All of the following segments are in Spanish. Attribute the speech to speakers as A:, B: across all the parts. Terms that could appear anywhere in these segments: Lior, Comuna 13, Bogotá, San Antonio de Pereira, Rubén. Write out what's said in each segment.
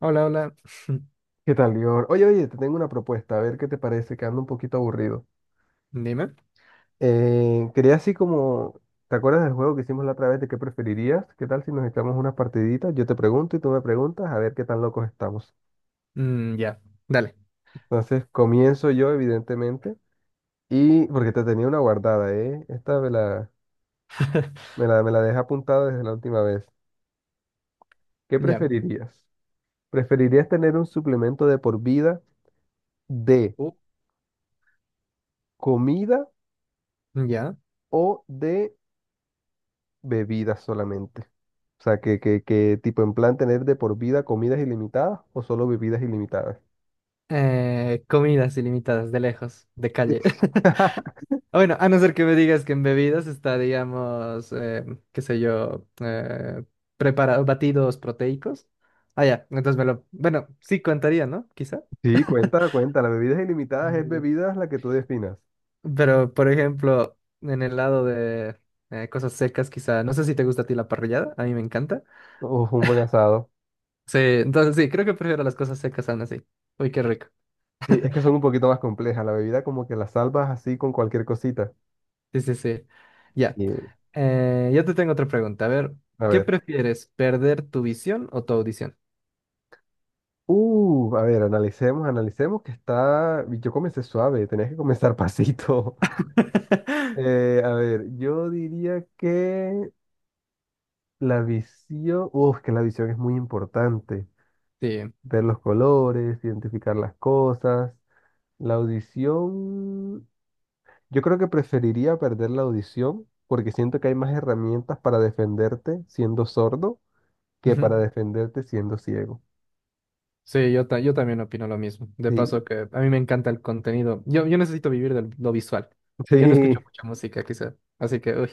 A: Hola, hola.
B: ¿Qué tal, Lior? Oye, te tengo una propuesta, a ver qué te parece, que ando un poquito aburrido.
A: Dime.
B: Quería así como, ¿te acuerdas del juego que hicimos la otra vez de qué preferirías? ¿Qué tal si nos echamos unas partiditas? Yo te pregunto y tú me preguntas, a ver qué tan locos estamos.
A: Mm, ya, dale.
B: Entonces, comienzo yo, evidentemente, y porque te tenía una guardada, ¿eh? Esta me la, me la, me la dejé apuntada desde la última vez. ¿Qué
A: Ya.
B: preferirías? ¿Preferirías tener un suplemento de por vida de
A: Uh,
B: comida
A: Ya.
B: o de bebida solamente? O sea, que tipo en plan tener de por vida comidas ilimitadas o solo bebidas ilimitadas.
A: Comidas ilimitadas, de lejos, de calle. Ah, bueno, a no ser que me digas que en bebidas está, digamos, qué sé yo, preparados, batidos proteicos. Ah, ya, entonces me lo... Bueno, sí contaría, ¿no? Quizá.
B: Sí, cuenta, cuenta. Las bebidas ilimitadas es
A: mm,
B: bebidas la que tú definas.
A: Pero, por ejemplo, en el lado de cosas secas, quizá, no sé si te gusta a ti la parrillada, a mí me encanta.
B: Uf, un buen asado.
A: Sí, entonces sí, creo que prefiero las cosas secas aún así. Uy, qué rico.
B: Sí, es que son un poquito más complejas. La bebida como que la salvas así con cualquier cosita.
A: Sí, sí, sí. Ya.
B: Sí,
A: Yo te tengo otra pregunta. A ver,
B: a
A: ¿qué
B: ver.
A: prefieres, perder tu visión o tu audición?
B: A ver, analicemos, analicemos que está... Yo comencé suave, tenías que comenzar pasito. A ver, yo diría que la visión... Uf, que la visión es muy importante.
A: Sí.
B: Ver los colores, identificar las cosas. La audición, yo creo que preferiría perder la audición porque siento que hay más herramientas para defenderte siendo sordo que
A: Ujú.
B: para defenderte siendo ciego.
A: Sí, yo también opino lo mismo. De
B: Sí,
A: paso que a mí me encanta el contenido. Yo necesito vivir de lo visual. Yo no escucho
B: sí,
A: mucha música, quizá. Así que, uy.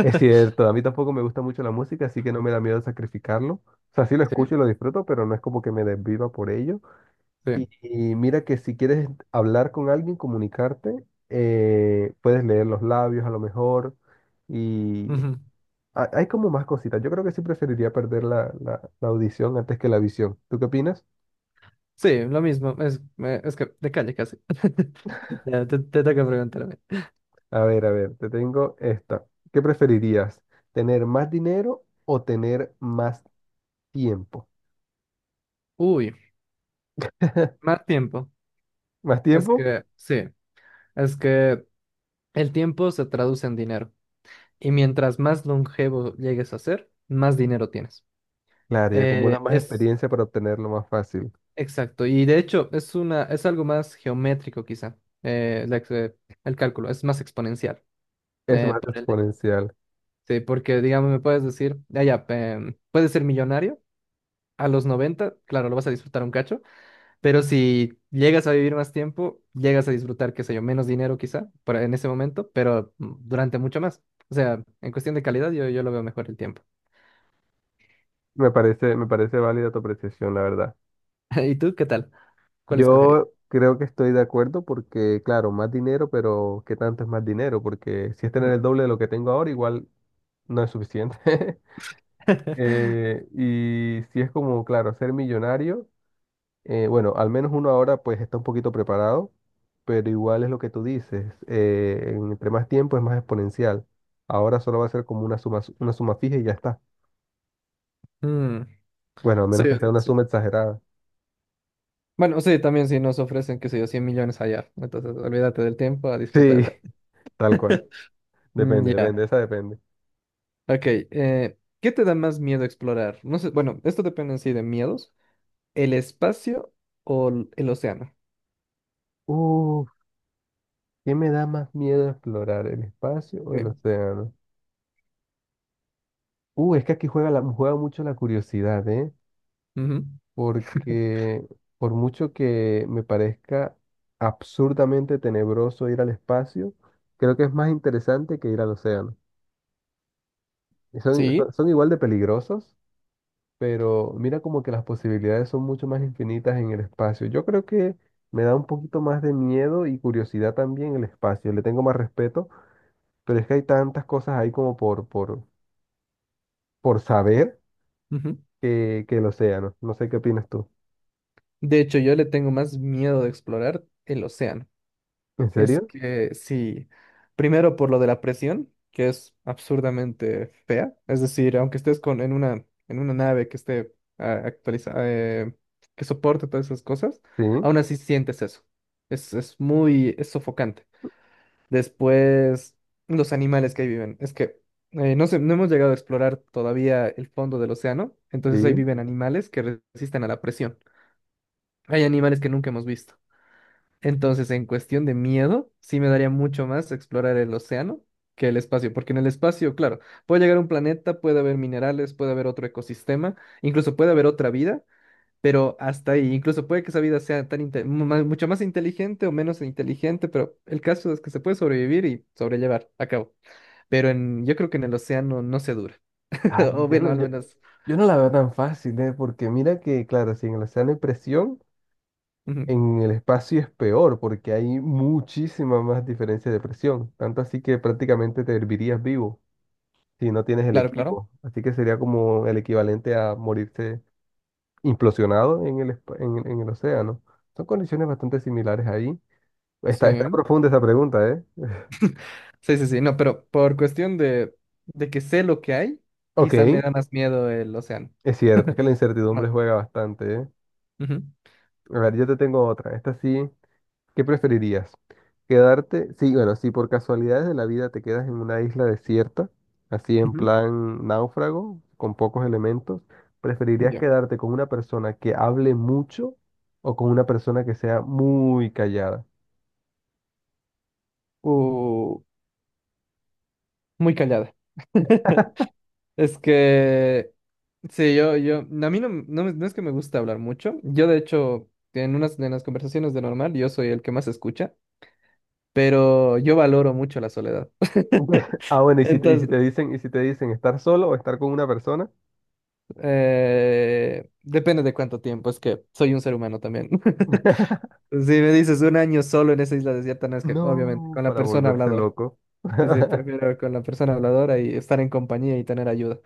B: es cierto. A mí tampoco me gusta mucho la música, así que no me da miedo sacrificarlo. O sea, sí lo
A: Sí,
B: escucho y lo disfruto, pero no es como que me desviva por ello.
A: sí.
B: Y mira que si quieres hablar con alguien, comunicarte, puedes leer los labios a lo mejor y
A: Ujú.
B: hay como más cositas. Yo creo que sí preferiría perder la audición antes que la visión. ¿Tú qué opinas?
A: Sí, lo mismo. Es que de calle casi. Ya, te toca preguntarme.
B: A ver, te tengo esta. ¿Qué preferirías? ¿Tener más dinero o tener más tiempo?
A: Uy, más tiempo.
B: ¿Más
A: Es
B: tiempo?
A: que, sí, es que el tiempo se traduce en dinero y mientras más longevo llegues a ser, más dinero tienes.
B: Claro, y acumulas
A: Eh,
B: más
A: es
B: experiencia para obtenerlo más fácil.
A: exacto, y de hecho es algo más geométrico quizá, eh, la ex- eh, el cálculo es más exponencial.
B: Es
A: eh,
B: más
A: por el hecho-
B: exponencial.
A: Sí, porque digamos, me puedes decir, puedes ser millonario a los 90, claro, lo vas a disfrutar un cacho. Pero si llegas a vivir más tiempo, llegas a disfrutar, qué sé yo, menos dinero quizá en ese momento, pero durante mucho más. O sea, en cuestión de calidad, yo lo veo mejor el tiempo.
B: Me parece válida tu apreciación, la verdad.
A: ¿Y tú qué tal? ¿Cuál escogerías?
B: Yo creo que estoy de acuerdo porque, claro, más dinero, pero ¿qué tanto es más dinero? Porque si es tener
A: Mm.
B: el doble de lo que tengo ahora, igual no es suficiente. Y si es como, claro, ser millonario, bueno, al menos uno ahora pues está un poquito preparado, pero igual es lo que tú dices, entre más tiempo es más exponencial. Ahora solo va a ser como una suma fija y ya está.
A: Mm.
B: Bueno, a
A: Sí,
B: menos que
A: es que
B: sea una
A: sí.
B: suma exagerada.
A: Bueno, sí, también si nos ofrecen, qué sé yo, 100 millones allá. Entonces, olvídate del tiempo a
B: Sí,
A: disfrutar.
B: tal cual.
A: Mm,
B: Depende,
A: Ya,
B: depende, esa depende.
A: Ok. ¿Qué te da más miedo explorar? No sé, bueno, esto depende en sí de miedos. ¿El espacio o el océano?
B: Uh, ¿Qué me da más miedo explorar, el espacio o el
A: Sí.
B: océano? Es que aquí juega, la, juega mucho la curiosidad, ¿eh?
A: Ujú.
B: Porque por mucho que me parezca absurdamente tenebroso ir al espacio, creo que es más interesante que ir al océano. Y son,
A: Sí.
B: son igual de peligrosos, pero mira como que las posibilidades son mucho más infinitas en el espacio. Yo creo que me da un poquito más de miedo y curiosidad también el espacio. Le tengo más respeto, pero es que hay tantas cosas ahí como por saber
A: Ujú.
B: que el océano. No sé qué opinas tú.
A: De hecho, yo le tengo más miedo de explorar el océano.
B: ¿En
A: Es
B: serio?
A: que sí, primero por lo de la presión, que es absurdamente fea. Es decir, en una nave que esté actualizada, que soporte todas esas cosas,
B: Sí,
A: aún así sientes eso. Es sofocante. Después, los animales que ahí viven. Es que no sé, no hemos llegado a explorar todavía el fondo del océano, entonces ahí
B: sí.
A: viven animales que resisten a la presión. Hay animales que nunca hemos visto. Entonces, en cuestión de miedo, sí me daría mucho más explorar el océano que el espacio, porque en el espacio, claro, puede llegar a un planeta, puede haber minerales, puede haber otro ecosistema, incluso puede haber otra vida, pero hasta ahí, incluso puede que esa vida sea tan inte- mu- más- mucho más inteligente o menos inteligente, pero el caso es que se puede sobrevivir y sobrellevar a cabo. Yo creo que en el océano no se dura,
B: Ay,
A: o bueno, al menos.
B: yo no la veo tan fácil, ¿eh? Porque mira que, claro, si en el océano hay presión,
A: Ujú.
B: en el espacio es peor, porque hay muchísima más diferencia de presión. Tanto así que prácticamente te hervirías vivo si no tienes el
A: Claro, claro.
B: equipo. Así que sería como el equivalente a morirse implosionado en el océano. Son condiciones bastante similares ahí.
A: Sí.
B: Está, está profunda esa pregunta, ¿eh?
A: Sí, sí, sí, no, pero por cuestión de que sé lo que hay,
B: Ok,
A: quizá me da más miedo el océano.
B: es cierto, es que la incertidumbre
A: Bueno,
B: juega bastante, ¿eh?
A: ujú.
B: A ver, yo te tengo otra. Esta sí. ¿Qué preferirías? Quedarte, sí, bueno, si por casualidades de la vida te quedas en una isla desierta, así en
A: Ujú.
B: plan náufrago, con pocos elementos, ¿preferirías
A: Ya.
B: quedarte con una persona que hable mucho o con una persona que sea muy callada?
A: Uh, muy callada. Es que sí, no, a mí no, no, me- no es que me gusta hablar mucho. Yo, de hecho, en unas de las conversaciones de normal, yo soy el que más escucha, pero yo valoro mucho la soledad.
B: Ah, bueno,
A: Entonces,
B: y si te dicen estar solo o estar con una persona,
A: depende de cuánto tiempo, es que soy un ser humano también. Si me dices un año solo en esa isla desierta, no es que, obviamente,
B: no,
A: con la
B: para
A: persona
B: volverse
A: habladora.
B: loco.
A: Sí, sí, prefiero con la persona habladora y estar en compañía y tener ayuda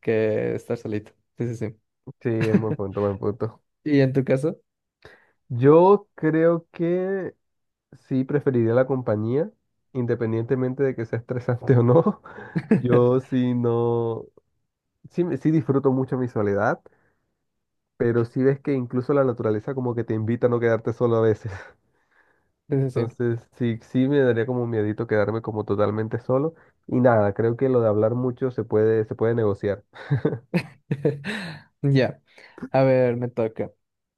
A: que estar solito. Sí, sí, sí.
B: Sí, buen punto, buen punto.
A: ¿Y en tu caso?
B: Yo creo que sí preferiría la compañía, independientemente de que sea estresante o no. Yo sí no, sí, sí disfruto mucho mi soledad, pero sí ves que incluso la naturaleza como que te invita a no quedarte solo a veces.
A: Sí, sí,
B: Entonces sí, sí me daría como miedito quedarme como totalmente solo. Y nada, creo que lo de hablar mucho se puede negociar.
A: sí. Ya. A ver, me toca.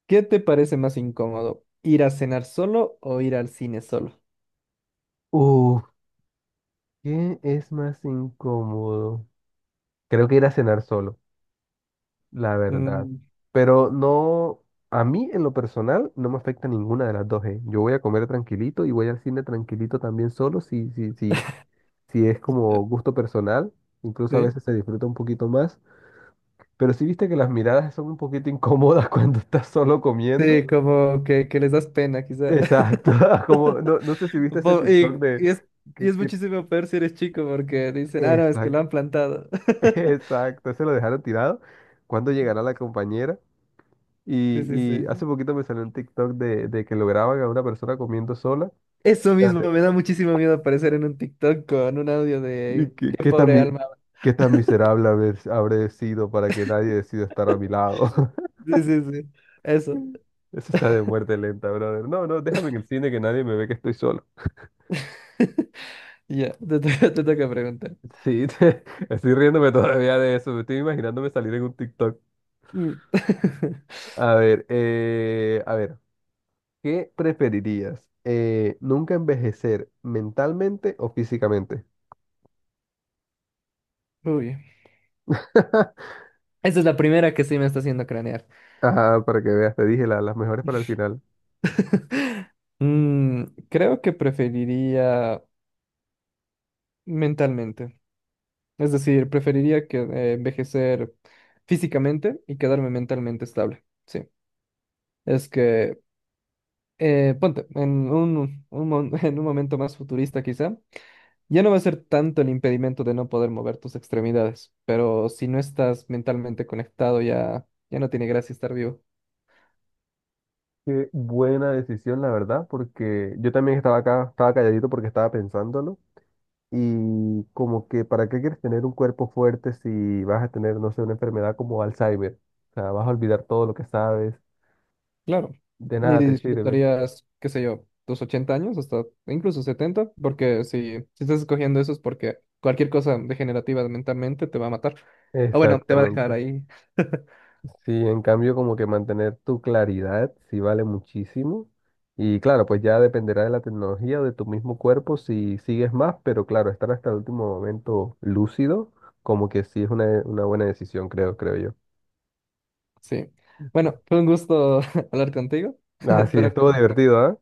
A: ¿Qué te parece más incómodo? ¿Ir a cenar solo o ir al cine solo?
B: Uf, ¿qué es más incómodo? Creo que ir a cenar solo, la verdad.
A: Mm,
B: Pero no, a mí en lo personal no me afecta ninguna de las dos, ¿eh? Yo voy a comer tranquilito y voy al cine tranquilito también solo, si es
A: ya.
B: como gusto personal, incluso a
A: ¿Sí?
B: veces se disfruta un poquito más. Pero si viste que las miradas son un poquito incómodas cuando estás solo comiendo.
A: Sí, como que les das pena, quizá.
B: Exacto, como no, no sé si viste ese
A: Po-
B: TikTok
A: Y,
B: de
A: y es, y
B: que,
A: es
B: que-
A: muchísimo peor si eres chico porque dicen, ah, no, es que lo han
B: exacto,
A: plantado.
B: exacto, se lo dejaron tirado. ¿Cuándo
A: Ujú.
B: llegará la compañera?
A: Sí, sí,
B: Y
A: sí.
B: hace poquito me salió un TikTok de que lo graban a una persona comiendo sola.
A: Eso mismo,
B: Fíjate.
A: me da muchísimo miedo aparecer en un TikTok con un audio
B: Y
A: de
B: que,
A: qué pobre alma.
B: qué tan miserable habré sido para que nadie decida estar a mi lado.
A: Sí, sí, sí. Eso.
B: Eso está de muerte lenta, brother. No, no, déjame en el cine que nadie me ve que estoy solo.
A: Ya, te toca preguntar.
B: Sí, estoy riéndome todavía de eso. Me estoy imaginándome salir en un TikTok.
A: Mm.
B: A ver, a ver, ¿qué preferirías? ¿Nunca envejecer mentalmente o físicamente?
A: Uy. Esa es la primera que sí me está haciendo cranear.
B: Ajá, para que veas, te dije las mejores para el final.
A: Mm, Creo que preferiría mentalmente. Es decir, preferiría que, envejecer físicamente y quedarme mentalmente estable. Sí. Es que, ponte, en un mon- en un momento más futurista quizá, ya no va a ser tanto el impedimento de no poder mover tus extremidades, pero si no estás mentalmente conectado ya no tiene gracia estar vivo.
B: Qué buena decisión, la verdad, porque yo también estaba acá, estaba calladito porque estaba pensándolo. Y como que, ¿para qué quieres tener un cuerpo fuerte si vas a tener, no sé, una enfermedad como Alzheimer? O sea, vas a olvidar todo lo que sabes,
A: Claro,
B: de
A: ni
B: nada te sirve.
A: disfrutarías, qué sé yo, tus 80 años, hasta incluso 70, porque si estás escogiendo eso es porque cualquier cosa degenerativa mentalmente te va a matar. O bueno, te va a dejar
B: Exactamente.
A: ahí.
B: Sí, en cambio, como que mantener tu claridad sí vale muchísimo. Y claro, pues ya dependerá de la tecnología o de tu mismo cuerpo si sigues más, pero claro, estar hasta el último momento lúcido, como que sí es una buena decisión, creo, creo yo.
A: Sí.
B: Ujú.
A: Bueno, fue un gusto hablar contigo.
B: Ah, sí, bueno,
A: Espero que en
B: estuvo
A: la próxima.
B: divertido, ¿ah?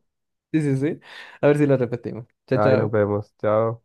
A: Sí, sí, sí. A ver si lo repetimos. Chao,
B: Ahí nos
A: chao.
B: vemos. Chao.